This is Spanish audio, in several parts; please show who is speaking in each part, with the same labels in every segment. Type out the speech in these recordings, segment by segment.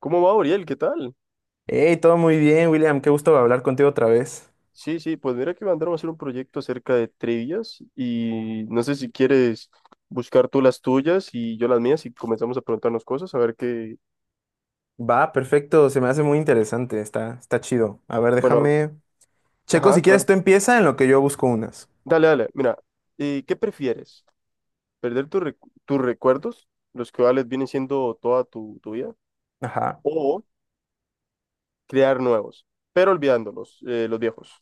Speaker 1: ¿Cómo va, Oriel? ¿Qué tal?
Speaker 2: Hey, todo muy bien, William. Qué gusto hablar contigo otra vez.
Speaker 1: Sí, sí, pues mira que mandaron a hacer un proyecto acerca de trivias y no sé si quieres buscar tú las tuyas y yo las mías y comenzamos a preguntarnos cosas, a ver qué.
Speaker 2: Va, perfecto. Se me hace muy interesante. Está chido. A ver,
Speaker 1: Bueno,
Speaker 2: déjame. Checo,
Speaker 1: ajá,
Speaker 2: si quieres,
Speaker 1: claro.
Speaker 2: tú empieza en lo que yo busco unas.
Speaker 1: Dale, dale, mira, ¿qué prefieres? ¿Perder tus recuerdos, los cuales vienen siendo toda tu vida?
Speaker 2: Ajá.
Speaker 1: ¿O crear nuevos, pero olvidándolos, los viejos?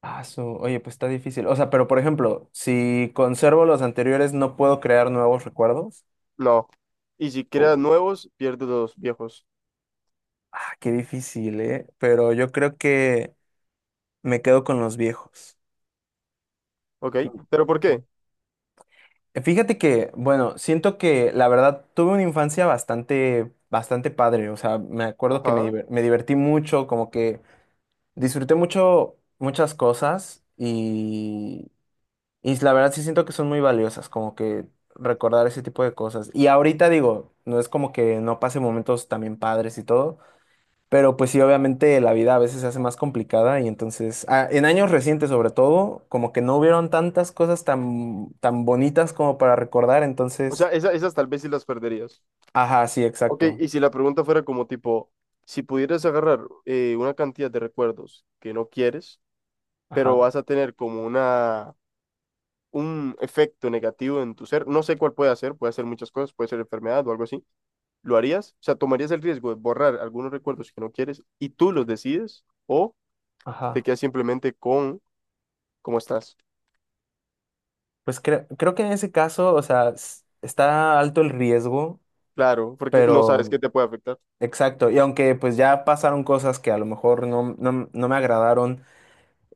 Speaker 2: Ah, Oye, pues está difícil. O sea, pero por ejemplo, si conservo los anteriores, ¿no puedo crear nuevos recuerdos?
Speaker 1: No. Y si creas
Speaker 2: Oh.
Speaker 1: nuevos, pierdes los viejos,
Speaker 2: Ah, qué difícil, ¿eh? Pero yo creo que me quedo con los viejos.
Speaker 1: ¿ok? ¿Pero por
Speaker 2: Mm.
Speaker 1: qué?
Speaker 2: Fíjate que, bueno, siento que la verdad tuve una infancia bastante, bastante padre. O sea, me acuerdo que
Speaker 1: Ajá.
Speaker 2: me divertí mucho, como que disfruté mucho muchas cosas y la verdad sí siento que son muy valiosas, como que recordar ese tipo de cosas. Y ahorita digo, no es como que no pase momentos también padres y todo, pero pues sí, obviamente la vida a veces se hace más complicada y entonces, en años recientes sobre todo, como que no hubieron tantas cosas tan, tan bonitas como para recordar,
Speaker 1: O sea,
Speaker 2: entonces,
Speaker 1: esas tal vez sí las perderías.
Speaker 2: ajá, sí,
Speaker 1: Ok,
Speaker 2: exacto,
Speaker 1: y si la pregunta fuera como tipo, si pudieras agarrar una cantidad de recuerdos que no quieres, pero
Speaker 2: ajá,
Speaker 1: vas a tener como un efecto negativo en tu ser, no sé cuál puede ser muchas cosas, puede ser enfermedad o algo así, ¿lo harías? O sea, ¿tomarías el riesgo de borrar algunos recuerdos que no quieres y tú los decides o te
Speaker 2: ajá.
Speaker 1: quedas simplemente con cómo estás?
Speaker 2: Pues creo que en ese caso, o sea, está alto el riesgo,
Speaker 1: Claro, porque no sabes qué
Speaker 2: pero
Speaker 1: te puede afectar.
Speaker 2: exacto, y aunque pues ya pasaron cosas que a lo mejor no me agradaron.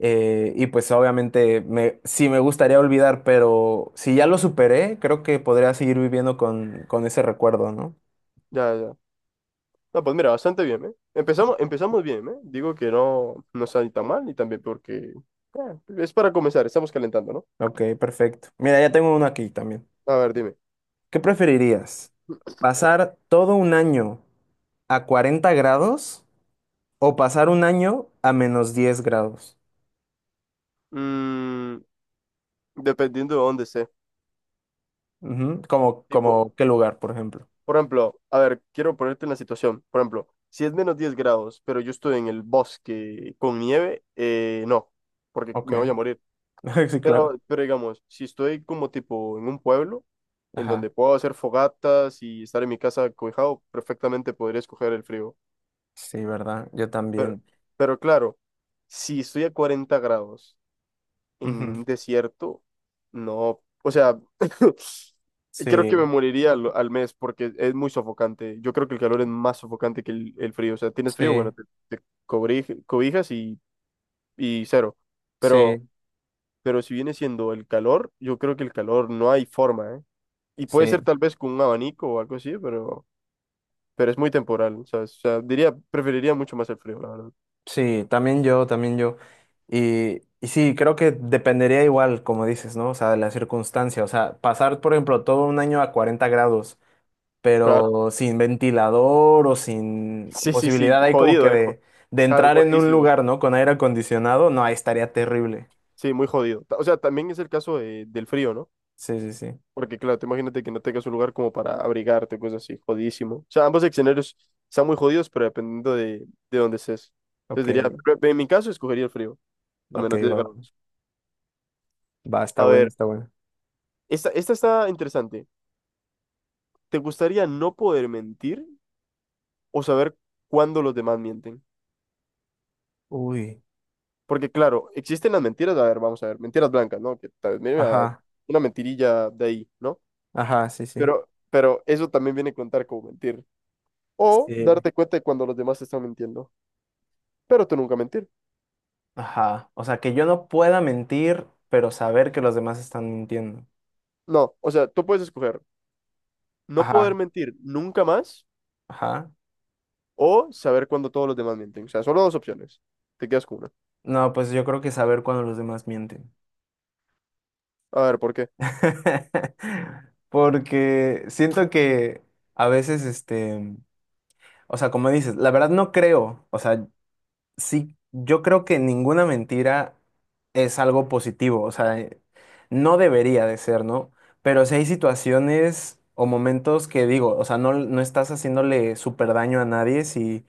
Speaker 2: Y pues obviamente sí me gustaría olvidar, pero si ya lo superé, creo que podría seguir viviendo con ese recuerdo, ¿no?
Speaker 1: Ya, ya. No, pues mira, bastante bien, ¿eh? Empezamos, empezamos bien, ¿eh? Digo que no, no está ni tan mal, ni tan bien, porque es para comenzar, estamos calentando, ¿no?
Speaker 2: Ok, perfecto. Mira, ya tengo uno aquí también.
Speaker 1: A ver, dime.
Speaker 2: ¿Qué preferirías? ¿Pasar todo un año a 40 grados o pasar un año a menos diez grados?
Speaker 1: Mm, Dependiendo de dónde esté.
Speaker 2: Ujú. Como,
Speaker 1: Tipo,
Speaker 2: como qué lugar, por ejemplo.
Speaker 1: por ejemplo, a ver, quiero ponerte en la situación. Por ejemplo, si es -10 grados, pero yo estoy en el bosque con nieve, no, porque
Speaker 2: Ok,
Speaker 1: me voy a morir.
Speaker 2: sí, claro.
Speaker 1: Pero digamos, si estoy como tipo en un pueblo, en
Speaker 2: Ajá,
Speaker 1: donde puedo hacer fogatas y estar en mi casa cobijado, perfectamente podría escoger el frío.
Speaker 2: sí, ¿verdad? Yo
Speaker 1: Pero,
Speaker 2: también.
Speaker 1: pero claro, si estoy a 40 grados en
Speaker 2: Ujú.
Speaker 1: un desierto, no, o sea, creo que me
Speaker 2: Sí,
Speaker 1: moriría al mes porque es muy sofocante. Yo creo que el calor es más sofocante que el frío. O sea, tienes frío, bueno,
Speaker 2: sí,
Speaker 1: te, te cobijas y cero. Pero,
Speaker 2: sí,
Speaker 1: pero si viene siendo el calor, yo creo que el calor no hay forma, ¿eh? Y puede ser
Speaker 2: sí.
Speaker 1: tal vez con un abanico o algo así, pero es muy temporal, ¿sabes? O sea, diría, preferiría mucho más el frío, la verdad.
Speaker 2: Sí, también yo, también yo. Y sí, creo que dependería igual, como dices, ¿no? O sea, de la circunstancia. O sea, pasar, por ejemplo, todo un año a 40 grados,
Speaker 1: Claro.
Speaker 2: pero sin ventilador o sin
Speaker 1: Sí, sí, sí,
Speaker 2: posibilidad ahí como que
Speaker 1: jodido,
Speaker 2: de,
Speaker 1: claro,
Speaker 2: entrar en un
Speaker 1: jodidísimo.
Speaker 2: lugar, ¿no? Con aire acondicionado, no, ahí estaría terrible.
Speaker 1: Sí, muy jodido. O sea, también es el caso del frío, ¿no?
Speaker 2: Sí, sí, sí.
Speaker 1: Porque, claro, te imagínate que no tengas un lugar como para abrigarte, cosas así, jodidísimo. O sea, ambos escenarios están muy jodidos, pero dependiendo de dónde estés. Entonces
Speaker 2: Ok,
Speaker 1: diría, pero en mi caso, escogería el frío, a
Speaker 2: ok,
Speaker 1: menos
Speaker 2: va,
Speaker 1: de.
Speaker 2: va, está
Speaker 1: A
Speaker 2: bueno,
Speaker 1: ver,
Speaker 2: está bueno.
Speaker 1: esta está interesante. ¿Te gustaría no poder mentir o saber cuándo los demás mienten?
Speaker 2: Uy,
Speaker 1: Porque, claro, existen las mentiras, a ver, vamos a ver, mentiras blancas, ¿no? Que tal vez, mira,
Speaker 2: ajá,
Speaker 1: una mentirilla de ahí, ¿no?
Speaker 2: ajá, sí, sí.
Speaker 1: Pero eso también viene a contar como mentir. O
Speaker 2: Sí,
Speaker 1: darte cuenta de cuando los demás te están mintiendo. Pero tú nunca mentir.
Speaker 2: ajá. O sea, que yo no pueda mentir, pero saber que los demás están mintiendo.
Speaker 1: No, o sea, tú puedes escoger no poder
Speaker 2: Ajá,
Speaker 1: mentir nunca más
Speaker 2: ajá.
Speaker 1: o saber cuando todos los demás mienten. O sea, solo dos opciones. Te quedas con una.
Speaker 2: No, pues yo creo que saber cuando los demás mienten.
Speaker 1: A ver, ¿por qué?
Speaker 2: Porque siento que a veces, este, o sea, como dices, la verdad no creo, o sea, sí, yo creo que ninguna mentira es algo positivo, o sea, no debería de ser, ¿no? Pero si hay situaciones o momentos que digo, o sea, no estás haciéndole súper daño a nadie si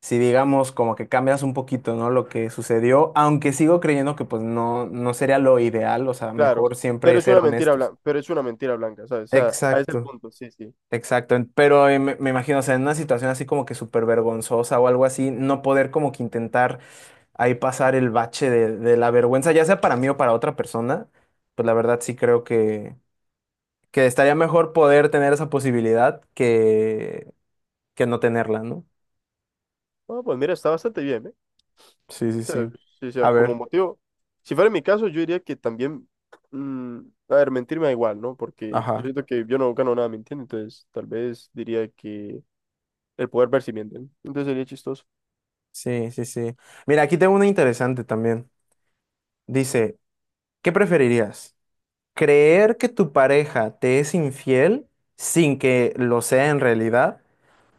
Speaker 2: si digamos como que cambias un poquito, ¿no? Lo que sucedió, aunque sigo creyendo que pues no sería lo ideal, o sea,
Speaker 1: Claro,
Speaker 2: mejor siempre
Speaker 1: pero es
Speaker 2: ser
Speaker 1: una mentira
Speaker 2: honestos.
Speaker 1: blanca, pero es una mentira blanca, ¿sabes? O sea, a ese es el
Speaker 2: Exacto,
Speaker 1: punto, sí, sí.
Speaker 2: exacto, pero me imagino, o sea, en una situación así como que súper vergonzosa o algo así, no poder como que intentar ahí pasar el bache de la vergüenza, ya sea para mí o para otra persona, pues la verdad sí creo que estaría mejor poder tener esa posibilidad que no tenerla, ¿no?
Speaker 1: Bueno, pues mira, está bastante bien, ¿eh?
Speaker 2: Sí, sí,
Speaker 1: sea,
Speaker 2: sí.
Speaker 1: sí, o
Speaker 2: A
Speaker 1: sea, como
Speaker 2: ver,
Speaker 1: motivo, si fuera mi caso, yo diría que también, mm, a ver, mentir me da igual, ¿no? Porque yo
Speaker 2: ajá.
Speaker 1: siento que yo no gano nada mintiendo, entonces tal vez diría que el poder ver si mienten, entonces sería chistoso.
Speaker 2: Sí, sí, sí. Mira, aquí tengo una interesante también. Dice, ¿qué preferirías? ¿Creer que tu pareja te es infiel sin que lo sea en realidad?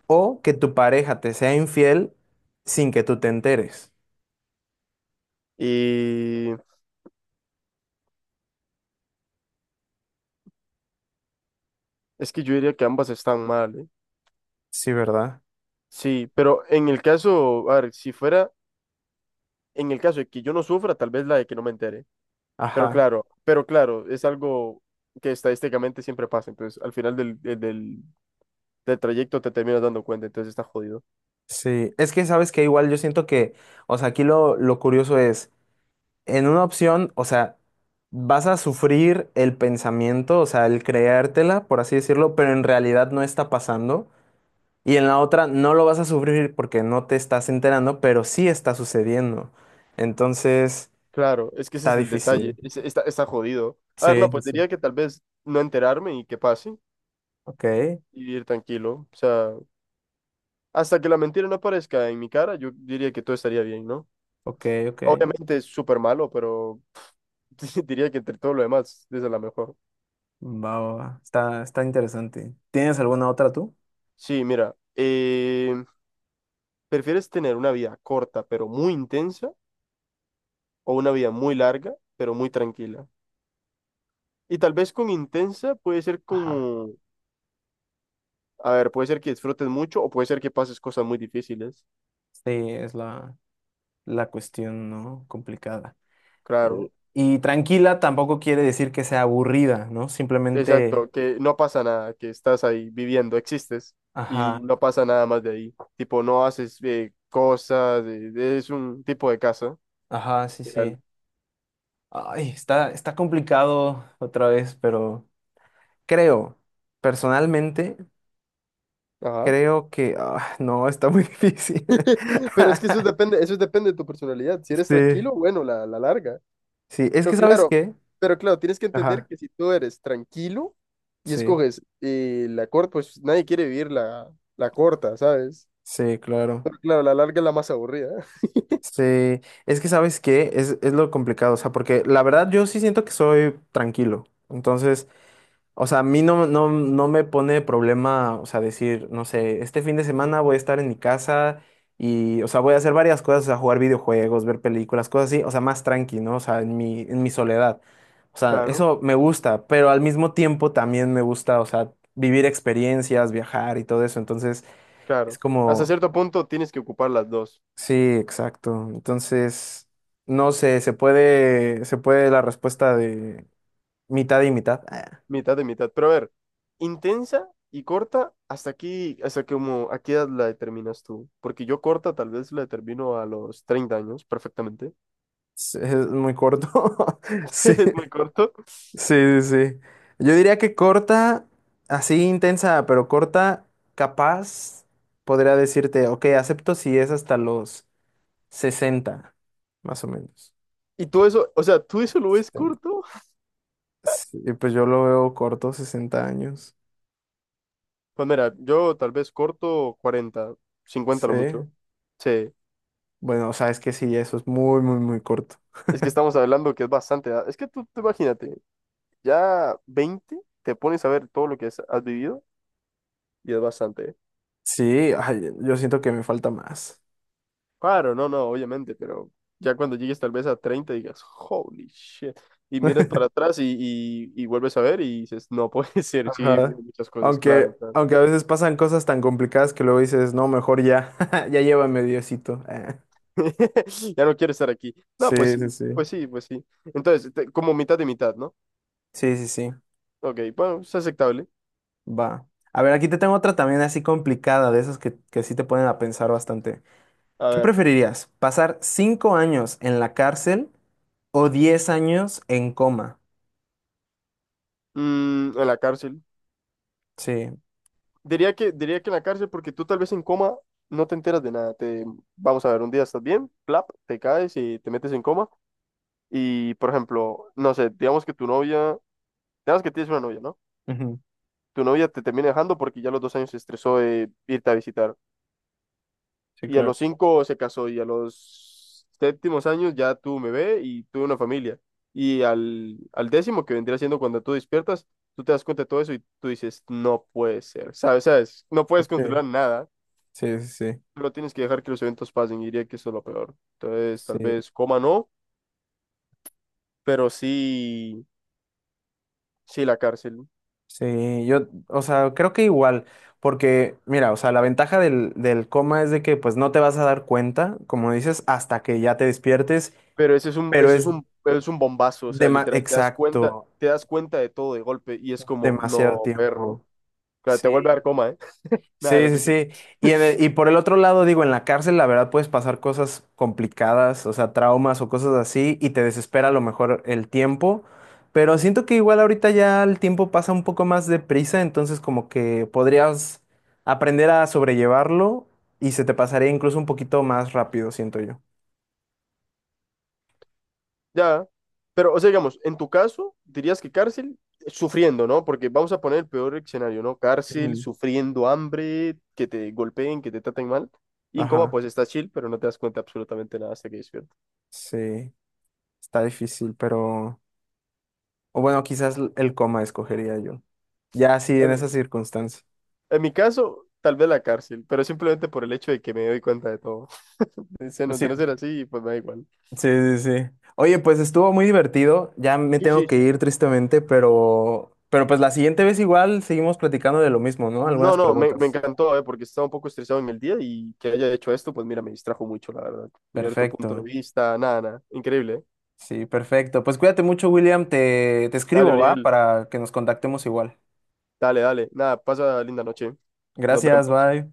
Speaker 2: ¿O que tu pareja te sea infiel sin que tú te enteres?
Speaker 1: Y es que yo diría que ambas están mal, ¿eh?
Speaker 2: Sí, ¿verdad?
Speaker 1: Sí, pero en el caso, a ver, si fuera, en el caso de que yo no sufra, tal vez la de que no me entere,
Speaker 2: Ajá.
Speaker 1: pero claro, es algo que estadísticamente siempre pasa, entonces al final del trayecto te terminas dando cuenta, entonces está jodido.
Speaker 2: Sí. Es que sabes que igual yo siento que, o sea, aquí lo curioso es, en una opción, o sea, vas a sufrir el pensamiento, o sea, el creértela, por así decirlo, pero en realidad no está pasando. Y en la otra no lo vas a sufrir porque no te estás enterando, pero sí está sucediendo. Entonces,
Speaker 1: Claro, es que ese es
Speaker 2: está
Speaker 1: el detalle,
Speaker 2: difícil.
Speaker 1: está jodido. A ver,
Speaker 2: Sí,
Speaker 1: no,
Speaker 2: sí,
Speaker 1: pues
Speaker 2: sí.
Speaker 1: diría que tal vez no enterarme y que pase
Speaker 2: Ok,
Speaker 1: y vivir tranquilo. O sea, hasta que la mentira no aparezca en mi cara, yo diría que todo estaría bien, ¿no?
Speaker 2: ok, ok.
Speaker 1: Obviamente es súper malo, pero diría que entre todo lo demás, esa es la mejor.
Speaker 2: Va, va, va. Está interesante. ¿Tienes alguna otra tú?
Speaker 1: Sí, mira, ¿prefieres tener una vida corta pero muy intensa o una vida muy larga pero muy tranquila? Y tal vez con intensa puede ser
Speaker 2: Ajá.
Speaker 1: como, a ver, puede ser que disfrutes mucho o puede ser que pases cosas muy difíciles,
Speaker 2: Sí, es la cuestión, ¿no? Complicada. Eh,
Speaker 1: claro.
Speaker 2: Y tranquila tampoco quiere decir que sea aburrida, ¿no? Simplemente,
Speaker 1: Exacto, que no pasa nada, que estás ahí viviendo, existes y
Speaker 2: ajá,
Speaker 1: no pasa nada más de ahí. Tipo, no haces cosas, es un tipo de casa.
Speaker 2: ajá, sí, sí.
Speaker 1: Literal.
Speaker 2: Ay, está complicado otra vez, pero creo personalmente.
Speaker 1: Ajá.
Speaker 2: Creo que, ah, no, está muy difícil.
Speaker 1: Pero es que eso depende de tu personalidad. Si eres
Speaker 2: Sí,
Speaker 1: tranquilo, bueno, la larga.
Speaker 2: sí, es
Speaker 1: Pero
Speaker 2: que ¿sabes
Speaker 1: claro,
Speaker 2: qué?
Speaker 1: pero claro, tienes que entender
Speaker 2: Ajá,
Speaker 1: que si tú eres tranquilo y
Speaker 2: sí,
Speaker 1: escoges la corta, pues nadie quiere vivir la corta, ¿sabes?
Speaker 2: sí, claro.
Speaker 1: Pero claro, la larga es la más aburrida.
Speaker 2: Sí, es que ¿sabes qué? Es lo complicado, o sea, porque la verdad yo sí siento que soy tranquilo. Entonces, o sea, a mí no me pone problema, o sea, decir, no sé, este fin de semana voy a estar en mi casa y, o sea, voy a hacer varias cosas, o sea, jugar videojuegos, ver películas, cosas así, o sea, más tranqui, ¿no? O sea, en mi soledad. O sea,
Speaker 1: Claro,
Speaker 2: eso me gusta, pero al mismo tiempo también me gusta, o sea, vivir experiencias, viajar y todo eso. Entonces, es
Speaker 1: claro. Hasta
Speaker 2: como,
Speaker 1: cierto punto tienes que ocupar las dos.
Speaker 2: sí, exacto. Entonces, no sé, se puede la respuesta de mitad y mitad. Ah,
Speaker 1: Mitad de mitad. Pero a ver, intensa y corta, hasta aquí, hasta que como, ¿a qué edad la determinas tú? Porque yo corta tal vez la determino a los 30 años, perfectamente.
Speaker 2: es muy corto. Sí.
Speaker 1: Es muy corto.
Speaker 2: Sí, sí, sí. Yo diría que corta, así intensa, pero corta, capaz, podría decirte, ok, acepto si es hasta los 60, más o menos.
Speaker 1: Y tú eso, o sea, ¿tú eso lo ves
Speaker 2: 70.
Speaker 1: corto?
Speaker 2: Sí, pues yo lo veo corto, 60 años.
Speaker 1: Pues mira, yo tal vez corto 40 50
Speaker 2: Sí.
Speaker 1: lo mucho. Sí,
Speaker 2: Bueno, o sea, es que sí, eso es muy, muy, muy corto.
Speaker 1: es que estamos hablando que es bastante edad. Es que tú imagínate, ya 20 te pones a ver todo lo que has vivido y es bastante, ¿eh?
Speaker 2: Sí, ay, yo siento que me falta más.
Speaker 1: Claro, no, no, obviamente, pero ya cuando llegues tal vez a 30 digas, holy shit, y miras para atrás y vuelves a ver y dices, no puede ser, sí, he vivido
Speaker 2: Ajá.
Speaker 1: muchas cosas,
Speaker 2: Aunque,
Speaker 1: claro, claro.
Speaker 2: aunque a veces pasan cosas tan complicadas que luego dices, no, mejor ya, ya llévame Diosito.
Speaker 1: Ya no quiero estar aquí. No,
Speaker 2: Sí,
Speaker 1: pues
Speaker 2: sí,
Speaker 1: sí,
Speaker 2: sí.
Speaker 1: pues sí, pues sí. Entonces, como mitad de mitad, ¿no?
Speaker 2: Sí, sí, sí,
Speaker 1: Ok, bueno, es aceptable.
Speaker 2: va. A ver, aquí te tengo otra también así complicada, de esas que sí te ponen a pensar bastante.
Speaker 1: A
Speaker 2: ¿Qué
Speaker 1: ver,
Speaker 2: preferirías? ¿Pasar cinco años en la cárcel o diez años en coma?
Speaker 1: en la cárcel.
Speaker 2: Sí,
Speaker 1: Diría que en la cárcel porque tú tal vez en coma no te enteras de nada. Te, vamos a ver, un día estás bien, plap, te caes y te metes en coma. Y, por ejemplo, no sé, digamos que tu novia ya que tienes una novia, ¿no?
Speaker 2: ujú,
Speaker 1: Tu novia te termina dejando porque ya a los 2 años se estresó de irte a visitar.
Speaker 2: sí,
Speaker 1: Y a
Speaker 2: claro.
Speaker 1: los 5 se casó y a los séptimos años ya tuvo un bebé y tuvo una familia. Y al 10.º, que vendría siendo cuando tú despiertas, tú te das cuenta de todo eso y tú dices, no puede ser, ¿sabes? ¿Sabes? No
Speaker 2: Sí,
Speaker 1: puedes controlar nada,
Speaker 2: sí, sí, sí.
Speaker 1: pero tienes que dejar que los eventos pasen y diría que eso es lo peor. Entonces,
Speaker 2: Sí,
Speaker 1: tal vez coma no, pero sí, sí la cárcel.
Speaker 2: sí, yo, o sea, creo que igual, porque, mira, o sea, la ventaja del coma es de que, pues, no te vas a dar cuenta, como dices, hasta que ya te despiertes,
Speaker 1: Pero ese es un,
Speaker 2: pero
Speaker 1: ese es un, es un bombazo, o sea, literal,
Speaker 2: exacto,
Speaker 1: te das cuenta de todo de golpe y es como,
Speaker 2: demasiado
Speaker 1: no, perro.
Speaker 2: tiempo.
Speaker 1: Claro, te
Speaker 2: Sí,
Speaker 1: vuelve a dar coma, ¿eh? Nada,
Speaker 2: sí,
Speaker 1: no
Speaker 2: sí,
Speaker 1: te creas.
Speaker 2: sí. Y, y por el otro lado, digo, en la cárcel, la verdad, puedes pasar cosas complicadas, o sea, traumas o cosas así, y te desespera a lo mejor el tiempo. Pero siento que igual ahorita ya el tiempo pasa un poco más deprisa, entonces como que podrías aprender a sobrellevarlo y se te pasaría incluso un poquito más rápido, siento yo.
Speaker 1: Ya. Pero, o sea, digamos, en tu caso, dirías que cárcel sufriendo, ¿no? Porque vamos a poner el peor escenario, ¿no? Cárcel,
Speaker 2: Ujú.
Speaker 1: sufriendo hambre, que te golpeen, que te traten mal. Y en coma,
Speaker 2: Ajá,
Speaker 1: pues estás chill, pero no te das cuenta absolutamente nada hasta que despiertas.
Speaker 2: sí, está difícil, pero... O bueno, quizás el coma escogería yo. Ya, sí,
Speaker 1: En
Speaker 2: en
Speaker 1: mi,
Speaker 2: esas circunstancias
Speaker 1: en mi caso, tal vez la cárcel, pero simplemente por el hecho de que me doy cuenta de todo. De no
Speaker 2: sí.
Speaker 1: ser así, pues me da igual.
Speaker 2: Sí, sí, sí. Oye, pues estuvo muy divertido. Ya me
Speaker 1: Sí,
Speaker 2: tengo
Speaker 1: sí,
Speaker 2: que ir
Speaker 1: sí.
Speaker 2: tristemente, pero, pues la siguiente vez igual seguimos platicando de lo mismo, ¿no?
Speaker 1: No,
Speaker 2: Algunas
Speaker 1: no, me
Speaker 2: preguntas.
Speaker 1: encantó, porque estaba un poco estresado en el día y que haya hecho esto, pues mira, me distrajo mucho, la verdad. Y ver tu punto de
Speaker 2: Perfecto.
Speaker 1: vista, nada, nada. Increíble, eh.
Speaker 2: Sí, perfecto. Pues cuídate mucho, William. Te
Speaker 1: Dale,
Speaker 2: escribo, ¿va?
Speaker 1: Uriel.
Speaker 2: Para que nos contactemos igual.
Speaker 1: Dale, dale. Nada, pasa linda noche. Nos
Speaker 2: Gracias,
Speaker 1: vemos.
Speaker 2: bye.